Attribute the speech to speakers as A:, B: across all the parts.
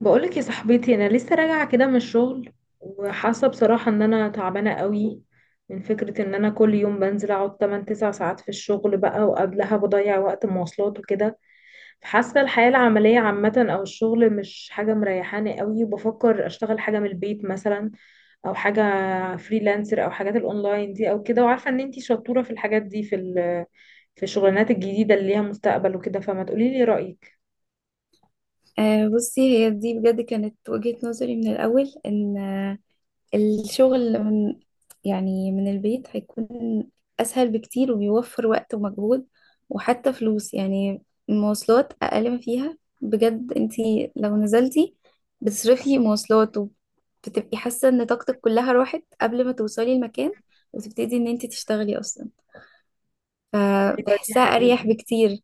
A: بقولك يا صاحبتي، انا لسه راجعه كده من الشغل، وحاسه بصراحه ان انا تعبانه قوي من فكره ان انا كل يوم بنزل اقعد 8 9 ساعات في الشغل بقى، وقبلها بضيع وقت مواصلات وكده. فحاسه الحياه العمليه عامه او الشغل مش حاجه مريحاني قوي، وبفكر اشتغل حاجه من البيت مثلا، او حاجه فريلانسر او حاجات الاونلاين دي او كده، وعارفه ان انتي شطوره في الحاجات دي، في الشغلانات الجديده اللي ليها مستقبل وكده، فما تقوليلي رايك؟
B: بصي، هي دي بجد كانت وجهة نظري من الأول إن الشغل من يعني، من البيت هيكون أسهل بكتير، وبيوفر وقت ومجهود وحتى فلوس. يعني المواصلات أقل ما فيها، بجد انتي لو نزلتي بتصرفي مواصلات وبتبقي حاسة إن طاقتك كلها راحت قبل ما توصلي المكان وتبتدي إن انتي تشتغلي أصلا،
A: ايوه دي
B: فبحسها
A: حقيقي.
B: أريح بكتير.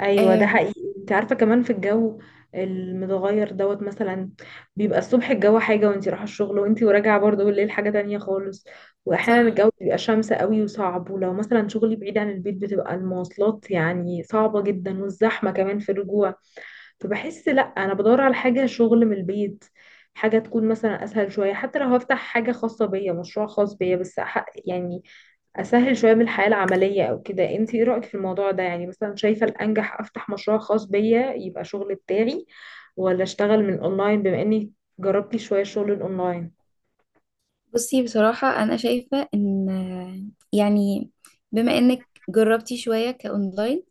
A: ايوه ده
B: آم،
A: حقيقي، انت عارفه كمان في الجو المتغير دوت مثلا، بيبقى الصبح الجو حاجه وانت رايحه الشغل، وانت وراجعه برضه بالليل حاجه تانية خالص. واحيانا
B: صح.
A: الجو بيبقى شمس قوي وصعب، ولو مثلا شغلي بعيد عن البيت بتبقى المواصلات يعني صعبه جدا، والزحمه كمان في الرجوع. فبحس لا، انا بدور على حاجه شغل من البيت، حاجه تكون مثلا اسهل شويه، حتى لو هفتح حاجه خاصه بيا، مشروع خاص بيا، بس يعني اسهل شويه من الحياه العمليه او كده. انت ايه رايك في الموضوع ده؟ يعني مثلا شايفه الانجح افتح مشروع خاص بيا يبقى شغل بتاعي، ولا اشتغل من اونلاين بما اني جربتي شويه شغل الاونلاين؟
B: بصي بصراحة أنا شايفة إن، يعني، بما إنك جربتي شوية كأونلاين،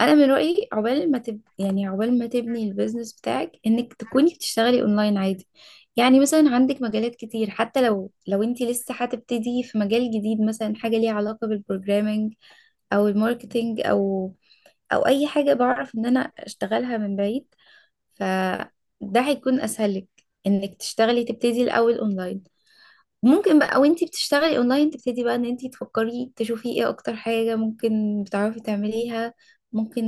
B: أنا من رأيي عقبال ما تبني البيزنس بتاعك إنك تكوني بتشتغلي أونلاين عادي. يعني مثلا عندك مجالات كتير، حتى لو أنت لسه هتبتدي في مجال جديد، مثلا حاجة ليها علاقة بالبروجرامينج أو الماركتينج أو أي حاجة بعرف إن أنا أشتغلها من بعيد، فده هيكون أسهل لك إنك تشتغلي تبتدي الأول أونلاين. ممكن بقى وانتي بتشتغلي اونلاين تبتدي بقى ان انتي تفكري تشوفي ايه اكتر حاجة ممكن بتعرفي تعمليها. ممكن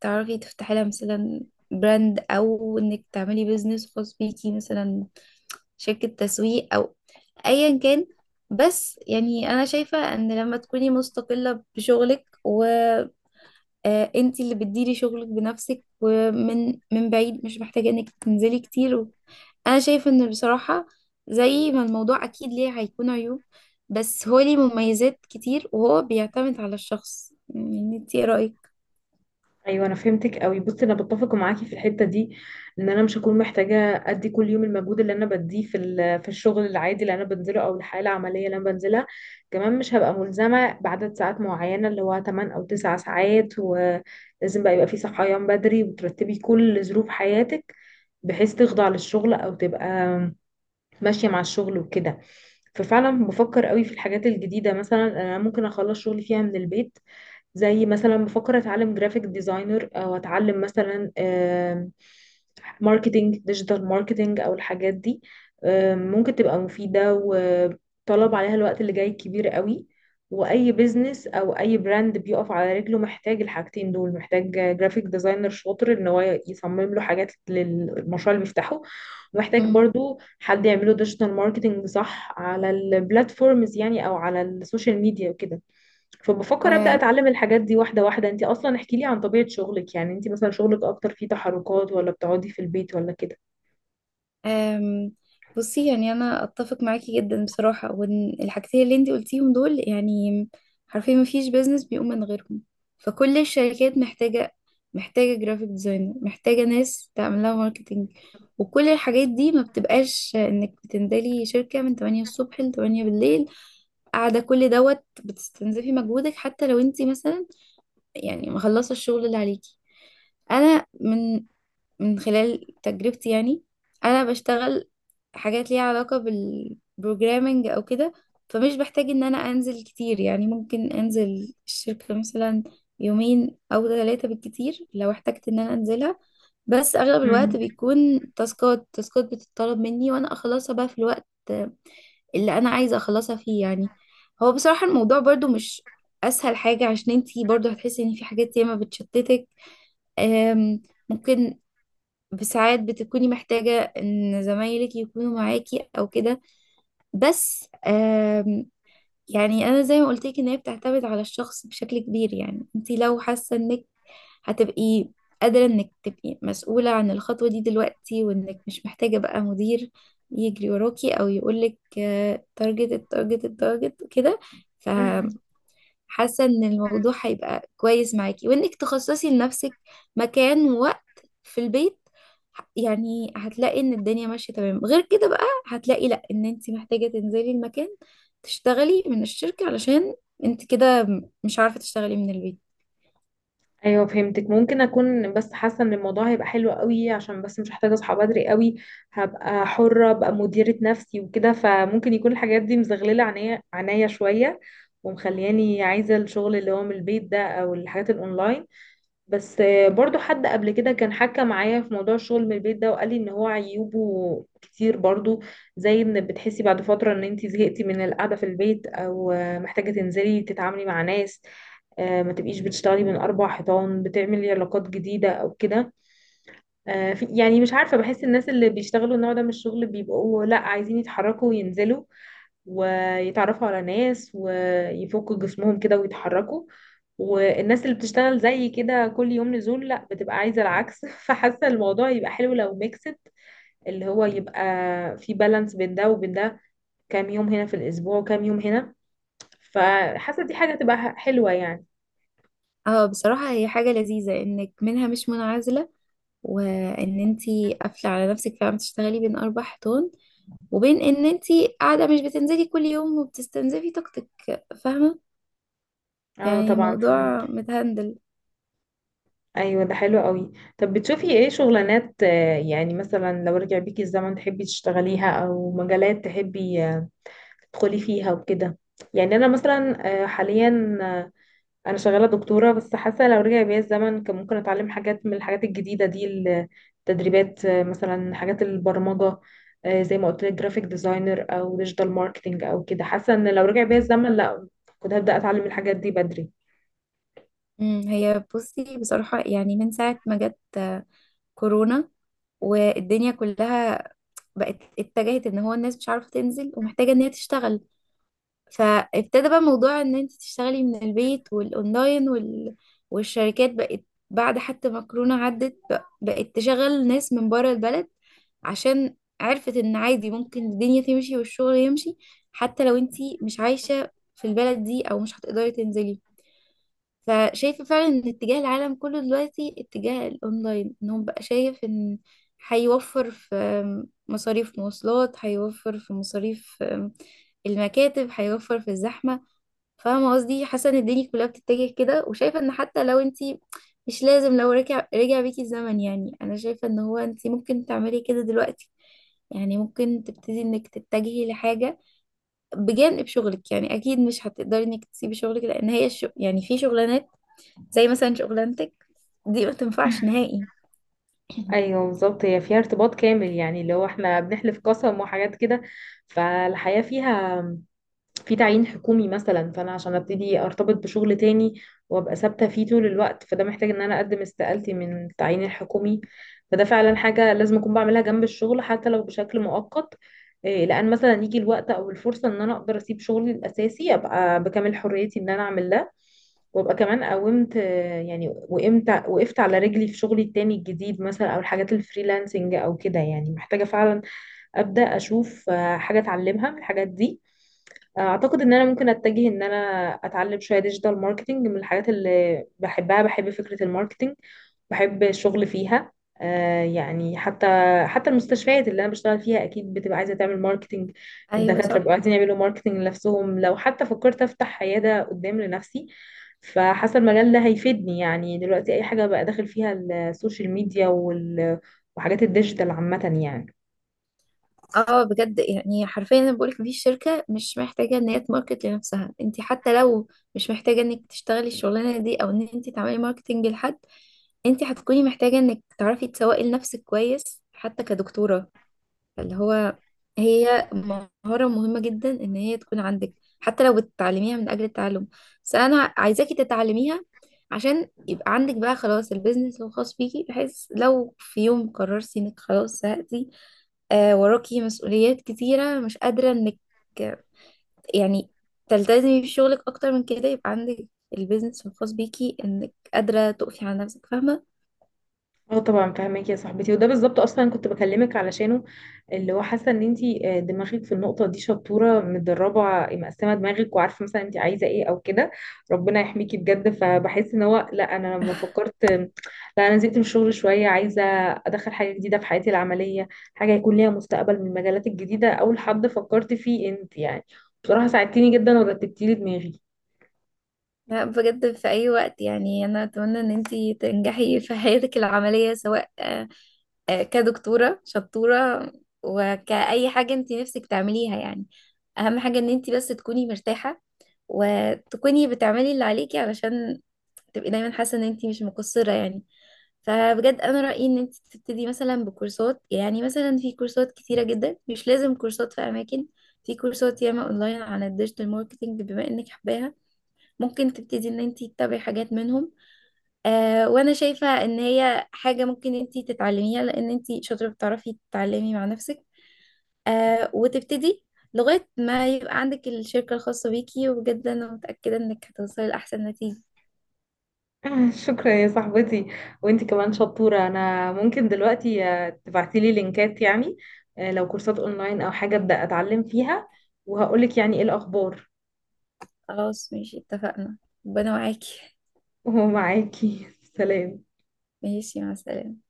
B: تعرفي تفتحي لها مثلا براند، او انك تعملي بيزنس خاص بيكي، مثلا شركة تسويق او ايا كان. بس يعني انا شايفة ان لما تكوني مستقلة بشغلك و... آه، انت اللي بتديري شغلك بنفسك ومن بعيد، مش محتاجة انك تنزلي كتير انا شايفة ان بصراحة زي ما الموضوع اكيد ليه هيكون عيوب، بس هو ليه مميزات كتير، وهو بيعتمد على الشخص. يعني انت ايه رأيك؟
A: ايوه، انا فهمتك قوي. بصي، انا بتفق معاكي في الحته دي، ان انا مش هكون محتاجه ادي كل يوم المجهود اللي انا بديه في الشغل العادي اللي انا بنزله، او الحياه العمليه اللي انا بنزلها. كمان مش هبقى ملزمه بعدد ساعات معينه، اللي هو 8 او 9 ساعات، ولازم بقى يبقى في صحيان بدري، وترتبي كل ظروف حياتك بحيث تخضع للشغل، او تبقى ماشية مع الشغل وكده. ففعلا بفكر قوي في الحاجات الجديدة، مثلا انا ممكن اخلص شغلي فيها من البيت، زي مثلا بفكر اتعلم جرافيك ديزاينر، او اتعلم مثلا ماركتينج، ديجيتال ماركتينج او الحاجات دي. ممكن تبقى مفيدة، وطلب عليها الوقت اللي جاي كبير قوي. واي بيزنس او اي براند بيقف على رجله محتاج الحاجتين دول، محتاج جرافيك ديزاينر شاطر ان هو يصمم له حاجات للمشروع اللي بيفتحه، محتاج
B: مم.
A: برضو حد يعمله ديجيتال ماركتنج صح على البلاتفورمز يعني، او على السوشيال ميديا وكده. فبفكر ابدا اتعلم الحاجات دي واحده واحده. انت اصلا احكي لي عن طبيعه شغلك، يعني انت مثلا شغلك اكتر فيه تحركات، ولا بتقعدي في البيت ولا كده؟
B: أم، بصي يعني انا اتفق معاكي جدا بصراحه، وان الحاجتين اللي انت قلتيهم دول يعني حرفيا ما فيش بيزنس بيقوم من غيرهم. فكل الشركات محتاجه جرافيك ديزاينر، محتاجه ناس تعمل لها ماركتينج. وكل الحاجات دي ما بتبقاش انك بتنزلي شركه من 8 الصبح ل 8 بالليل، قاعده كل دوت بتستنزفي مجهودك، حتى لو انت مثلا يعني مخلصه الشغل اللي عليكي. انا من من خلال تجربتي، يعني انا بشتغل حاجات ليها علاقة بالبروجرامينج او كده، فمش بحتاج ان انا انزل كتير. يعني ممكن انزل الشركة مثلا يومين او ثلاثة بالكتير لو احتجت ان انا انزلها، بس اغلب الوقت
A: مم.
B: بيكون تاسكات بتطلب مني وانا اخلصها بقى في الوقت اللي انا عايزة اخلصها فيه. يعني هو بصراحة الموضوع برضو مش اسهل حاجة، عشان انتي برضو هتحسي ان في حاجات ياما بتشتتك. أم، ممكن ساعات بتكوني محتاجة ان زمايلك يكونوا معاكي او كده. بس يعني انا زي ما قلت لك ان هي بتعتمد على الشخص بشكل كبير. يعني انت لو حاسة انك هتبقي قادرة انك تبقي مسؤولة عن الخطوة دي دلوقتي، وانك مش محتاجة بقى مدير يجري وراكي او يقولك تارجت التارجت التارجت كده، ف حاسة ان الموضوع هيبقى كويس معاكي، وانك تخصصي لنفسك مكان ووقت في البيت، يعني هتلاقي ان الدنيا ماشية تمام. غير كده بقى هتلاقي لا ان انت محتاجة تنزلي المكان تشتغلي من الشركة، علشان انت كده مش عارفة تشتغلي من البيت.
A: ايوه فهمتك. ممكن اكون بس حاسه ان الموضوع هيبقى حلو قوي، عشان بس مش محتاجه اصحى بدري قوي، هبقى حره، ابقى مديره نفسي وكده، فممكن يكون الحاجات دي مزغلله عينيا عينيا شويه، ومخلياني عايزه الشغل اللي هو من البيت ده، او الحاجات الاونلاين. بس برضو حد قبل كده كان حكى معايا في موضوع الشغل من البيت ده، وقال لي ان هو عيوبه كتير برضو، زي ان بتحسي بعد فترة ان انت زهقتي من القعدة في البيت، او محتاجة تنزلي تتعاملي مع ناس، ما تبقيش بتشتغلي من اربع حيطان، بتعملي علاقات جديدة او كده. يعني مش عارفة، بحس الناس اللي بيشتغلوا النوع ده من الشغل بيبقوا لا عايزين يتحركوا وينزلوا ويتعرفوا على ناس ويفكوا جسمهم كده ويتحركوا، والناس اللي بتشتغل زي كده كل يوم نزول لا بتبقى عايزة العكس. فحاسة الموضوع يبقى حلو لو ميكست، اللي هو يبقى في بالانس بين ده وبين ده، كام يوم هنا في الأسبوع وكام يوم هنا، فحاسة دي حاجة تبقى حلوة يعني.
B: اه بصراحة هي حاجة لذيذة انك منها مش منعزلة، وان انت قافلة على نفسك فعلا بتشتغلي بين اربع حيطان، وبين ان انت قاعدة مش بتنزلي كل يوم وبتستنزفي طاقتك. فاهمة؟
A: اه،
B: يعني
A: طبعا فهمت.
B: موضوع متهندل.
A: ايوه ده حلو قوي. طب بتشوفي ايه شغلانات، يعني مثلا لو رجع بيكي الزمن تحبي تشتغليها، او مجالات تحبي تدخلي فيها وكده؟ يعني انا مثلا حاليا انا شغاله دكتوره، بس حاسه لو رجع بيا الزمن كان ممكن اتعلم حاجات من الحاجات الجديده دي، التدريبات، مثلا حاجات البرمجه، زي ما قلت لك جرافيك ديزاينر او ديجيتال ماركتنج او كده، حاسه ان لو رجع بيا الزمن لا كنت هبدا اتعلم الحاجات دي بدري.
B: امم، هي بصي بصراحة يعني من ساعة ما جت كورونا، والدنيا كلها بقت اتجهت ان هو الناس مش عارفة تنزل ومحتاجة ان هي تشتغل، فابتدى بقى موضوع ان انت تشتغلي من البيت والاونلاين والشركات بقت بعد حتى ما كورونا عدت بقت تشغل ناس من بره البلد، عشان عرفت ان عادي ممكن الدنيا تمشي والشغل يمشي حتى لو انت مش عايشة في البلد دي او مش هتقدري تنزلي. فشايفة فعلا ان اتجاه العالم كله دلوقتي اتجاه الاونلاين، ان هو بقى شايف ان هيوفر في مصاريف مواصلات، هيوفر في مصاريف المكاتب، هيوفر في الزحمة. فاهمة قصدي؟ حاسة ان الدنيا كلها بتتجه كده. وشايفة ان حتى لو انتي مش لازم لو رجع بيكي الزمن، يعني انا شايفة ان هو انتي ممكن تعملي كده دلوقتي. يعني ممكن تبتدي انك تتجهي لحاجة بجانب شغلك، يعني اكيد مش هتقدري انك تسيبي شغلك، لان هي الشغل يعني في شغلانات زي مثلا شغلانتك دي ما تنفعش نهائي.
A: ايوه بالظبط، هي فيها ارتباط كامل يعني، اللي هو احنا بنحلف قسم وحاجات كده، فالحياة فيها في تعيين حكومي مثلا. فانا عشان ابتدي ارتبط بشغل تاني وابقى ثابته فيه طول الوقت، فده محتاج ان انا اقدم استقالتي من التعيين الحكومي. فده فعلا حاجه لازم اكون بعملها جنب الشغل، حتى لو بشكل مؤقت. إيه، لان مثلا يجي الوقت او الفرصه ان انا اقدر اسيب شغلي الاساسي، ابقى بكامل حريتي ان انا اعمل ده، وابقى كمان قومت يعني وقمت وقفت على رجلي في شغلي التاني الجديد مثلا، او الحاجات الفريلانسنج او كده. يعني محتاجه فعلا ابدا اشوف حاجه اتعلمها من الحاجات دي. اعتقد ان انا ممكن اتجه ان انا اتعلم شويه ديجيتال ماركتنج، من الحاجات اللي بحبها، بحب فكره الماركتنج، بحب الشغل فيها. يعني حتى المستشفيات اللي انا بشتغل فيها اكيد بتبقى عايزه تعمل ماركتنج.
B: ايوه
A: الدكاتره
B: صح.
A: بيبقوا عايزين يعملوا ماركتنج لنفسهم، لو حتى فكرت افتح عياده قدام لنفسي، فحاسه المجال ده هيفيدني يعني. دلوقتي اي حاجه بقى داخل فيها السوشيال ميديا وحاجات الديجيتال عامه يعني.
B: اه بجد، يعني حرفيا انا بقولك مفيش شركه مش محتاجه ان هي تماركت لنفسها. انت حتى لو مش محتاجه انك تشتغلي الشغلانه دي او ان انت تعملي ماركتنج لحد، انت هتكوني محتاجه انك تعرفي تسوقي لنفسك كويس حتى كدكتوره. فاللي هو هي مهارة مهمة جدا ان هي تكون عندك، حتى لو بتتعلميها من اجل التعلم. بس انا عايزاكي تتعلميها عشان يبقى عندك بقى خلاص البيزنس الخاص بيكي، بحيث لو في يوم قررتي انك خلاص زهقتي، آه وراكي مسؤوليات كتيرة مش قادرة انك، آه، يعني، تلتزمي بشغلك اكتر من كده، يبقى عندك البيزنس الخاص بيكي انك قادرة تقفي على نفسك. فاهمة؟
A: اه طبعا فاهمك يا صاحبتي، وده بالظبط اصلا كنت بكلمك علشانه، اللي هو حاسه ان انتي دماغك في النقطه دي شطوره متدربه مقسمه دماغك وعارفه مثلا انتي عايزه ايه او كده. ربنا يحميكي بجد. فبحس ان هو لا، انا لما فكرت لا، انا نزلت من الشغل شويه، عايزه ادخل حاجه جديده في حياتي العمليه، حاجه يكون ليها مستقبل من المجالات الجديده، اول حد فكرت فيه انت يعني. بصراحه ساعدتيني جدا، ورتبتيلي دماغي.
B: لا بجد في أي وقت. يعني أنا أتمنى إن أنتي تنجحي في حياتك العملية، سواء كدكتورة شطورة وكأي حاجة أنتي نفسك تعمليها. يعني أهم حاجة إن أنتي بس تكوني مرتاحة، وتكوني بتعملي اللي عليكي، علشان تبقي دايما حاسة إن أنتي مش مقصرة. يعني فبجد أنا رأيي إن أنتي تبتدي مثلا بكورسات، يعني مثلا في كورسات كتيرة جدا، مش لازم كورسات في أماكن، في كورسات ياما أونلاين عن الديجيتال ماركتينج بما إنك حباها. ممكن تبتدي ان انت تتابعي حاجات منهم. آه، وانا شايفة ان هي حاجة ممكن انت تتعلميها، لان انت شاطرة بتعرفي تتعلمي مع نفسك. آه، وتبتدي لغاية ما يبقى عندك الشركة الخاصة بيكي، وبجد انا متأكدة انك هتوصلي لأحسن نتيجة.
A: شكرا يا صاحبتي. وانتي كمان شطورة، انا ممكن دلوقتي تبعتيلي لينكات يعني، لو كورسات اونلاين او حاجة ابدأ اتعلم فيها، وهقولك يعني ايه الاخبار.
B: خلاص ماشي، اتفقنا. ربنا معاكي.
A: ومعاكي سلام.
B: ماشي، مع السلامة.